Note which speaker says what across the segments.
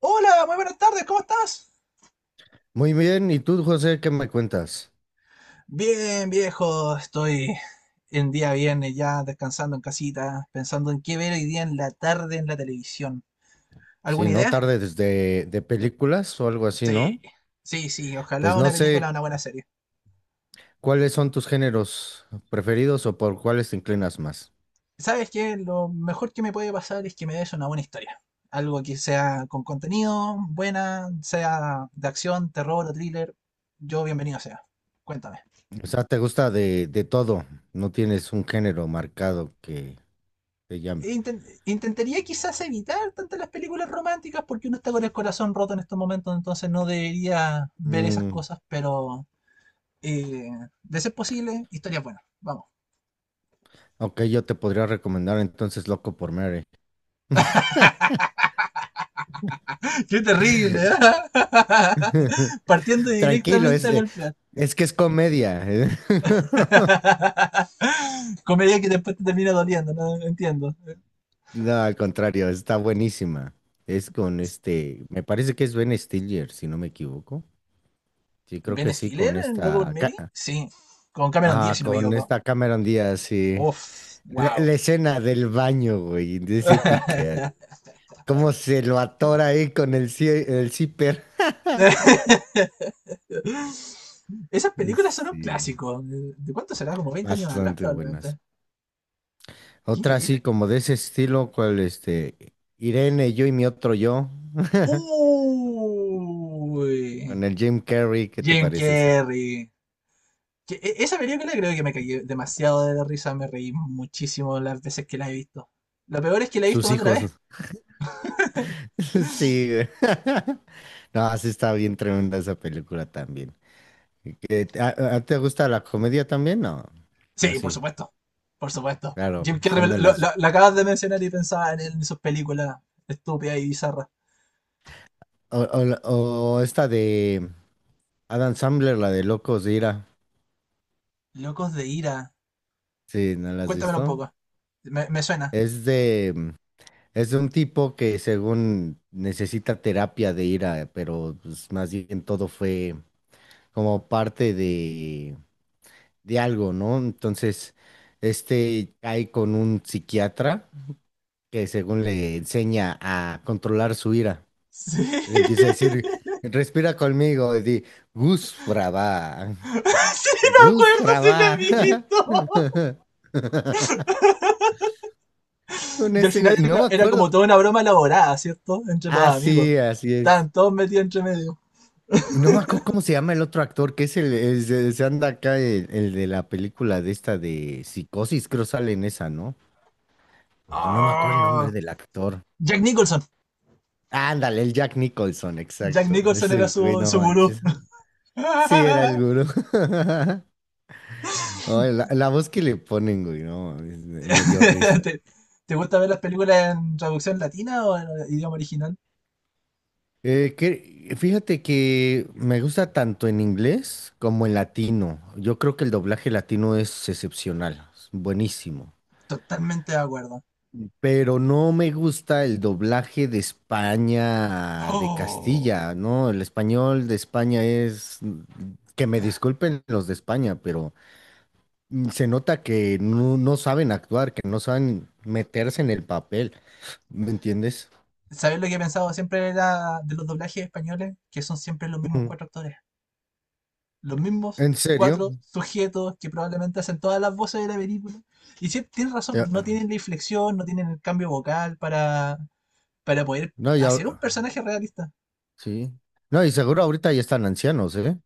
Speaker 1: Hola, muy buenas tardes, ¿cómo estás?
Speaker 2: Muy bien, ¿y tú, José, qué me cuentas?
Speaker 1: Bien, viejo, estoy en día viernes ya descansando en casita, pensando en qué ver hoy día en la tarde en la televisión.
Speaker 2: Si
Speaker 1: ¿Alguna
Speaker 2: no
Speaker 1: idea?
Speaker 2: tardes de películas o algo así,
Speaker 1: Sí,
Speaker 2: ¿no?
Speaker 1: sí, sí, ojalá
Speaker 2: Pues no
Speaker 1: una película o
Speaker 2: sé
Speaker 1: una buena serie.
Speaker 2: cuáles son tus géneros preferidos o por cuáles te inclinas más.
Speaker 1: ¿Sabes qué? Lo mejor que me puede pasar es que me des una buena historia. Algo que sea con contenido, buena, sea de acción, terror o thriller. Yo bienvenido sea. Cuéntame.
Speaker 2: O sea, te gusta de todo, no tienes un género marcado que te llame.
Speaker 1: Intentaría quizás evitar tantas las películas románticas porque uno está con el corazón roto en estos momentos, entonces no debería ver esas
Speaker 2: Mm,
Speaker 1: cosas, pero eh, de ser posible, historias buenas. Vamos.
Speaker 2: ok, yo te podría recomendar entonces Loco por Mary.
Speaker 1: Qué terrible, ¿eh? Partiendo
Speaker 2: Tranquilo,
Speaker 1: directamente a golpear.
Speaker 2: es que es comedia.
Speaker 1: Comedia que después te termina doliendo, no entiendo.
Speaker 2: No, al contrario, está buenísima. Es con este, me parece que es Ben Stiller, si no me equivoco. Sí, creo
Speaker 1: ¿Ben
Speaker 2: que sí,
Speaker 1: Stiller
Speaker 2: con
Speaker 1: en Loco por
Speaker 2: esta,
Speaker 1: Mary? Sí, con Cameron Díaz,
Speaker 2: ah,
Speaker 1: si no me
Speaker 2: con
Speaker 1: equivoco.
Speaker 2: esta Cameron Díaz, sí.
Speaker 1: Uf,
Speaker 2: La,
Speaker 1: wow.
Speaker 2: la escena del baño, güey, de ese pique. Cómo se lo atora ahí con el, el zipper.
Speaker 1: Esas películas son un
Speaker 2: Sí,
Speaker 1: clásico. ¿De cuánto será? Como 20 años atrás,
Speaker 2: bastante buenas.
Speaker 1: probablemente. Qué
Speaker 2: Otra así
Speaker 1: increíble.
Speaker 2: como de ese estilo, cual este, Irene, yo y mi otro yo,
Speaker 1: Uy,
Speaker 2: con el Jim Carrey, ¿qué te
Speaker 1: Jim
Speaker 2: parece esa?
Speaker 1: Carrey. Esa película creo que me caí demasiado de la risa. Me reí muchísimo las veces que la he visto. Lo peor es que la he visto
Speaker 2: Sus
Speaker 1: más de una
Speaker 2: hijos. ¿No?
Speaker 1: vez.
Speaker 2: Sí, güey. No, así está bien tremenda esa película también. ¿Te gusta la comedia también? No. No,
Speaker 1: Sí, por
Speaker 2: sí,
Speaker 1: supuesto. Por supuesto.
Speaker 2: claro,
Speaker 1: Jim Carrey, me
Speaker 2: son
Speaker 1: lo,
Speaker 2: de
Speaker 1: lo-
Speaker 2: las...
Speaker 1: lo- lo acabas de mencionar y pensaba en él, en sus películas estúpidas y bizarras.
Speaker 2: O, o esta de Adam Sandler, la de Locos de Ira.
Speaker 1: Locos de ira.
Speaker 2: Sí, ¿no la has
Speaker 1: Cuéntamelo un
Speaker 2: visto?
Speaker 1: poco. Me suena.
Speaker 2: Es de... mm, Es de un tipo que según necesita terapia de ira, pero pues, más bien todo fue como parte de algo, ¿no? Entonces, este cae con un psiquiatra que según le enseña a controlar su ira.
Speaker 1: Sí.
Speaker 2: Le empieza a decir, respira conmigo, y di, Gus Brava,
Speaker 1: Sí, me
Speaker 2: Gus
Speaker 1: acuerdo, sí lo he
Speaker 2: Brava,
Speaker 1: visto.
Speaker 2: con
Speaker 1: Y al
Speaker 2: este
Speaker 1: final
Speaker 2: güey, no
Speaker 1: era-
Speaker 2: me
Speaker 1: era como
Speaker 2: acuerdo.
Speaker 1: toda una broma elaborada, ¿cierto? Entre los
Speaker 2: Ah,
Speaker 1: amigos.
Speaker 2: sí, así es.
Speaker 1: Estaban todos metidos entre medio.
Speaker 2: Y no me acuerdo cómo se llama el otro actor, que es el, se anda acá el de la película de esta de Psicosis, creo sale en esa, ¿no? Pero no me acuerdo el nombre
Speaker 1: Ah,
Speaker 2: del actor.
Speaker 1: Jack Nicholson.
Speaker 2: Ándale, el Jack Nicholson,
Speaker 1: Jack
Speaker 2: exacto.
Speaker 1: Nicholson era
Speaker 2: Ese güey,
Speaker 1: su,
Speaker 2: no
Speaker 1: su gurú.
Speaker 2: manches. Sí, era el gurú. Ay, la voz que le ponen, güey, no, mames, me dio risa.
Speaker 1: ¿Te, te gusta ver las películas en traducción latina o en idioma original?
Speaker 2: Fíjate que me gusta tanto en inglés como en latino. Yo creo que el doblaje latino es excepcional, es buenísimo.
Speaker 1: Totalmente de acuerdo.
Speaker 2: Pero no me gusta el doblaje de España, de
Speaker 1: Oh.
Speaker 2: Castilla, ¿no? El español de España es... Que me disculpen los de España, pero se nota que no, no saben actuar, que no saben meterse en el papel, ¿me entiendes?
Speaker 1: ¿Sabes lo que he pensado siempre era de los doblajes españoles? Que son siempre los mismos cuatro actores. Los mismos
Speaker 2: ¿En serio?
Speaker 1: cuatro sujetos que probablemente hacen todas las voces de la película. Y sí, tienes razón,
Speaker 2: Ya-
Speaker 1: no tienen la inflexión, no tienen el cambio vocal para poder
Speaker 2: no, ya,
Speaker 1: hacer un personaje realista.
Speaker 2: sí. No, y seguro ahorita ya están ancianos, ¿eh?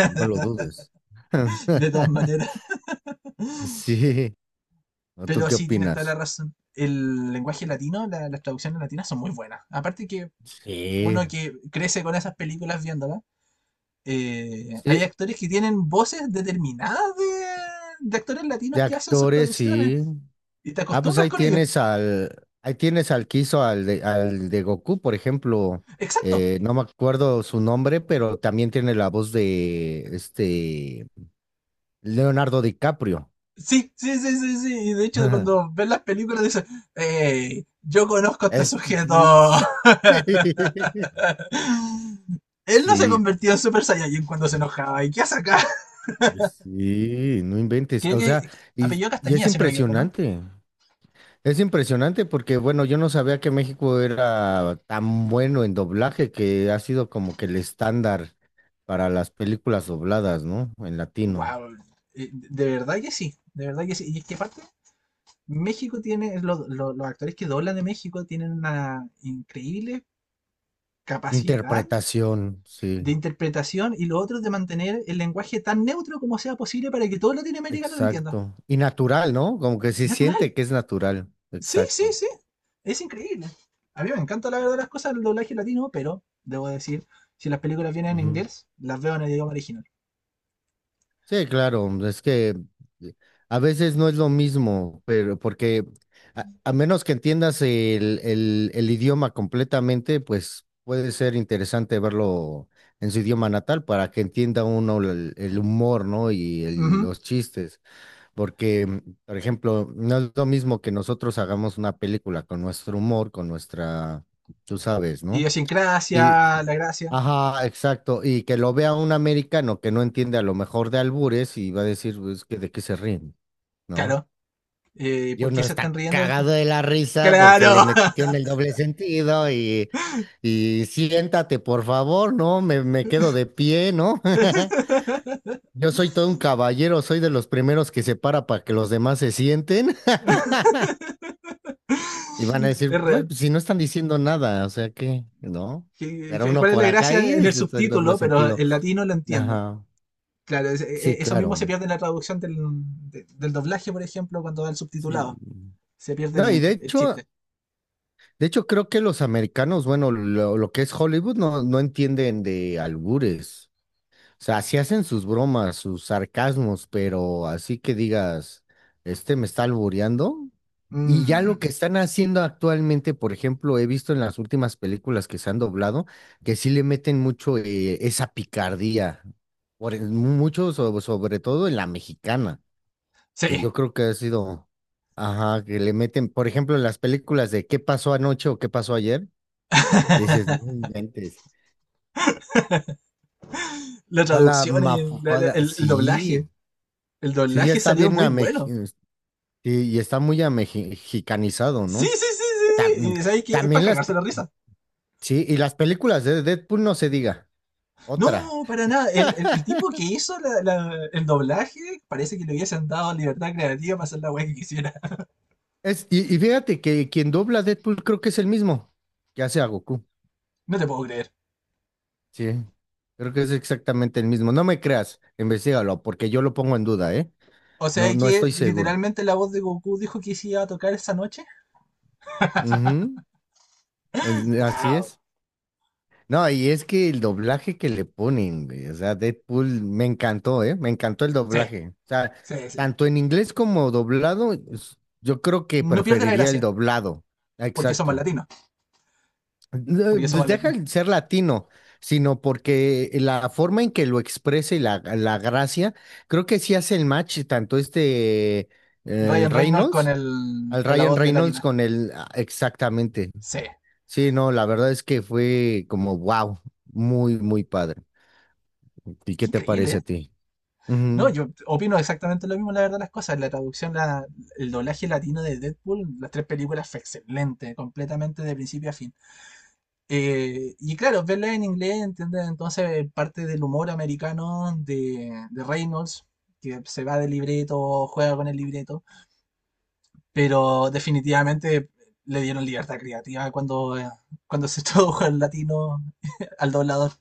Speaker 2: No lo dudes.
Speaker 1: De todas maneras.
Speaker 2: Sí. ¿O ¿Tú
Speaker 1: Pero
Speaker 2: qué
Speaker 1: sí, tienes toda la
Speaker 2: opinas?
Speaker 1: razón. El lenguaje latino, las traducciones latinas son muy buenas. Aparte que
Speaker 2: Sí.
Speaker 1: uno que crece con esas películas viéndolas, hay
Speaker 2: Sí,
Speaker 1: actores que tienen voces determinadas de actores latinos
Speaker 2: de
Speaker 1: que hacen sus
Speaker 2: actores, sí.
Speaker 1: traducciones. Y te
Speaker 2: Ah, pues
Speaker 1: acostumbras con ellos.
Speaker 2: ahí tienes al que hizo al de Goku, por ejemplo.
Speaker 1: Exacto.
Speaker 2: No me acuerdo su nombre, pero también tiene la voz de este Leonardo DiCaprio.
Speaker 1: Sí, sí, sí, sí, sí. Y de hecho, cuando ves las películas, dices, hey, yo conozco a este
Speaker 2: Este,
Speaker 1: sujeto. Él no se
Speaker 2: sí.
Speaker 1: convirtió en Super Saiyajin cuando se enojaba. ¿Y qué hace acá?
Speaker 2: Sí, no inventes.
Speaker 1: Creo
Speaker 2: O sea,
Speaker 1: que-
Speaker 2: y,
Speaker 1: apellido
Speaker 2: y es
Speaker 1: Castañeda, si no me equivoco, ¿no?
Speaker 2: impresionante. Es impresionante porque, bueno, yo no sabía que México era tan bueno en doblaje que ha sido como que el estándar para las películas dobladas, ¿no? En latino.
Speaker 1: Wow. De verdad que sí, de verdad que sí. Y es que aparte, México tiene, los actores que doblan de México tienen una increíble capacidad
Speaker 2: Interpretación,
Speaker 1: de
Speaker 2: sí,
Speaker 1: interpretación y lo otro es de mantener el lenguaje tan neutro como sea posible para que todo Latinoamérica lo entienda.
Speaker 2: exacto. Y natural, ¿no? Como que se
Speaker 1: Natural.
Speaker 2: siente que es natural,
Speaker 1: Sí, sí,
Speaker 2: exacto.
Speaker 1: sí. Es increíble. A mí me encanta la verdad las cosas del doblaje latino, pero debo decir, si las películas vienen en inglés, las veo en el idioma original.
Speaker 2: Sí, claro, es que a veces no es lo mismo, pero porque a menos que entiendas el idioma completamente, pues puede ser interesante verlo en su idioma natal para que entienda uno el humor, ¿no? Y
Speaker 1: Ujú.
Speaker 2: los chistes, porque, por ejemplo, no es lo mismo que nosotros hagamos una película con nuestro humor, con nuestra, tú sabes, ¿no? Y,
Speaker 1: Idiosincrasia, la gracia.
Speaker 2: ajá, exacto. Y que lo vea un americano que no entiende a lo mejor de albures y va a decir, pues, que de qué se ríen, ¿no?
Speaker 1: Claro.
Speaker 2: Y
Speaker 1: ¿Por qué
Speaker 2: uno
Speaker 1: se están
Speaker 2: está
Speaker 1: riendo de esto?
Speaker 2: cagado de la risa porque le
Speaker 1: ¡Claro!
Speaker 2: metió en el doble sentido y siéntate, por favor, ¿no? Me quedo de pie, ¿no? Yo soy todo un caballero, soy de los primeros que se para que los demás se sienten y van a decir,
Speaker 1: Es
Speaker 2: "Bueno,
Speaker 1: real.
Speaker 2: pues, si no están diciendo nada, o sea que, ¿no?
Speaker 1: ¿Qué-
Speaker 2: Pero
Speaker 1: qué-
Speaker 2: uno
Speaker 1: ¿Cuál es la
Speaker 2: por acá
Speaker 1: gracia
Speaker 2: y
Speaker 1: en el
Speaker 2: ese es el doble
Speaker 1: subtítulo? Pero
Speaker 2: sentido.
Speaker 1: el latino lo entiende.
Speaker 2: Ajá.
Speaker 1: Claro, es- e-
Speaker 2: Sí,
Speaker 1: e, eso mismo se
Speaker 2: claro.
Speaker 1: pierde en la traducción del, del doblaje, por ejemplo, cuando va el
Speaker 2: Sí.
Speaker 1: subtitulado. Se pierde
Speaker 2: No, y
Speaker 1: el chiste.
Speaker 2: de hecho creo que los americanos, bueno, lo que es Hollywood no, no entienden de albures. O sea, sí hacen sus bromas, sus sarcasmos, pero así que digas, este me está albureando. Y ya lo
Speaker 1: Mm,
Speaker 2: que están haciendo actualmente, por ejemplo, he visto en las últimas películas que se han doblado, que sí le meten mucho esa picardía, mucho sobre todo en la mexicana.
Speaker 1: sí.
Speaker 2: Que yo creo que ha sido, ajá, que le meten, por ejemplo, en las películas de ¿Qué pasó anoche o qué pasó ayer? Dices, no inventes.
Speaker 1: La
Speaker 2: Toda la
Speaker 1: traducción,
Speaker 2: mafufada,
Speaker 1: el
Speaker 2: sí,
Speaker 1: doblaje. El
Speaker 2: sí, ya
Speaker 1: doblaje
Speaker 2: está
Speaker 1: salió muy bueno.
Speaker 2: sí, y está muy amexicanizado,
Speaker 1: Sí,
Speaker 2: ¿no?
Speaker 1: sí, sí, sí, sí.
Speaker 2: Tam-
Speaker 1: Y sabes que es para
Speaker 2: también las,
Speaker 1: cagarse la risa.
Speaker 2: sí, y las películas de Deadpool no se diga, otra.
Speaker 1: No, para nada. El, el tipo que hizo el doblaje parece que le hubiesen dado libertad creativa para hacer la weá que quisiera.
Speaker 2: Y fíjate que quien dobla a Deadpool creo que es el mismo que hace a Goku,
Speaker 1: No te puedo creer.
Speaker 2: sí. Creo que es exactamente el mismo. No me creas, investigalo, porque yo lo pongo en duda, ¿eh?
Speaker 1: O sea
Speaker 2: No, no
Speaker 1: que
Speaker 2: estoy seguro.
Speaker 1: literalmente la voz de Goku dijo que se iba a tocar esa noche.
Speaker 2: Ujú, así
Speaker 1: ¡Wow!
Speaker 2: es. No, y es que el doblaje que le ponen, güey, o sea, Deadpool me encantó, ¿eh? Me encantó el
Speaker 1: Sí,
Speaker 2: doblaje. O sea,
Speaker 1: sí, sí.
Speaker 2: tanto en inglés como doblado, yo creo que
Speaker 1: No pierde la
Speaker 2: preferiría el
Speaker 1: gracia,
Speaker 2: doblado.
Speaker 1: porque somos
Speaker 2: Exacto.
Speaker 1: latinos.
Speaker 2: No,
Speaker 1: Porque
Speaker 2: pues
Speaker 1: somos
Speaker 2: deja
Speaker 1: latinos.
Speaker 2: el ser latino, sino porque la forma en que lo expresa y la gracia, creo que sí hace el match tanto este, el
Speaker 1: Ryan Reynolds con
Speaker 2: Reynolds,
Speaker 1: el,
Speaker 2: al
Speaker 1: con la
Speaker 2: Ryan
Speaker 1: voz de
Speaker 2: Reynolds
Speaker 1: latina.
Speaker 2: con el, ah, exactamente.
Speaker 1: Sí.
Speaker 2: Sí, no, la verdad es que fue como wow, muy, muy padre. ¿Y
Speaker 1: Qué
Speaker 2: qué te parece
Speaker 1: increíble.
Speaker 2: a ti?
Speaker 1: No,
Speaker 2: Ujú.
Speaker 1: yo opino exactamente lo mismo, la verdad, las cosas. La traducción, el doblaje latino de Deadpool, las tres películas fue excelente, completamente de principio a fin. Y claro, verla en inglés, ¿entiendes? Entonces, parte del humor americano de Reynolds, que se va de libreto, juega con el libreto, pero definitivamente le dieron libertad creativa cuando, cuando se tradujo al latino, al doblador.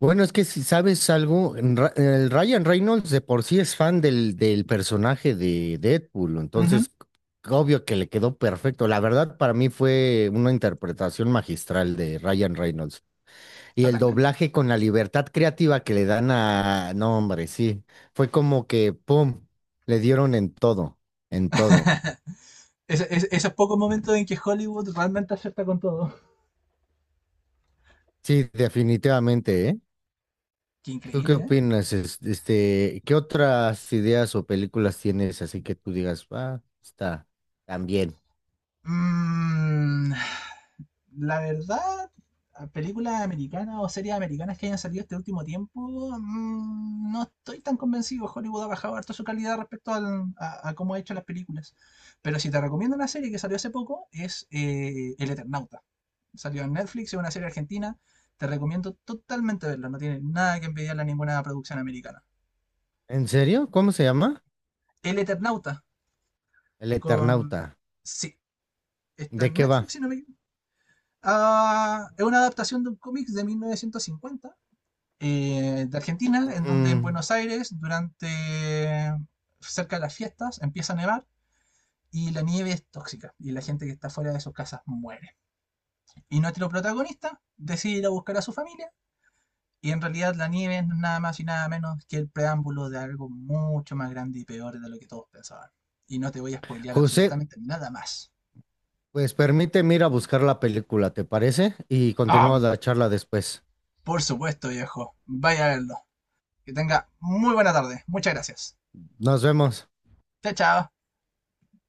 Speaker 2: Bueno, es que si sabes algo, el Ryan Reynolds de por sí es fan del, del personaje de Deadpool,
Speaker 1: Ujú,
Speaker 2: entonces obvio que le quedó perfecto. La verdad, para mí fue una interpretación magistral de Ryan Reynolds. Y el
Speaker 1: totalmente.
Speaker 2: doblaje con la libertad creativa que le dan a... No, hombre, sí, fue como que, ¡pum!, le dieron en todo, en todo.
Speaker 1: Esos pocos momentos en que Hollywood realmente acierta con todo.
Speaker 2: Sí, definitivamente, ¿eh?
Speaker 1: Qué
Speaker 2: ¿Tú qué
Speaker 1: increíble, ¿eh?
Speaker 2: opinas? Este, ¿qué otras ideas o películas tienes así que tú digas, ah, está también?
Speaker 1: Mm, la verdad, películas americanas o series americanas que hayan salido este último tiempo, mm, no estoy tan convencido. Hollywood ha bajado harto su calidad respecto a cómo ha hecho las películas. Pero si te recomiendo una serie que salió hace poco, es El Eternauta. Salió en Netflix, es una serie argentina. Te recomiendo totalmente verla, no tiene nada que envidiarle a ninguna producción americana.
Speaker 2: ¿En serio? ¿Cómo se llama?
Speaker 1: El Eternauta,
Speaker 2: El
Speaker 1: con...
Speaker 2: Eternauta.
Speaker 1: Sí, está
Speaker 2: ¿De
Speaker 1: en
Speaker 2: qué va?
Speaker 1: Netflix, si no me es una adaptación de un cómic de 1950, de Argentina, en donde en
Speaker 2: Mm,
Speaker 1: Buenos Aires, durante cerca de las fiestas, empieza a nevar y la nieve es tóxica y la gente que está fuera de sus casas muere. Y nuestro protagonista decide ir a buscar a su familia y en realidad la nieve no es nada más y nada menos que el preámbulo de algo mucho más grande y peor de lo que todos pensaban. Y no te voy a spoilear
Speaker 2: José,
Speaker 1: absolutamente nada más.
Speaker 2: pues permíteme ir a buscar la película, ¿te parece? Y
Speaker 1: Ah,
Speaker 2: continúa la charla después.
Speaker 1: por supuesto, viejo. Vaya a verlo. Que tenga muy buena tarde. Muchas gracias.
Speaker 2: Nos vemos.
Speaker 1: Chao, chao.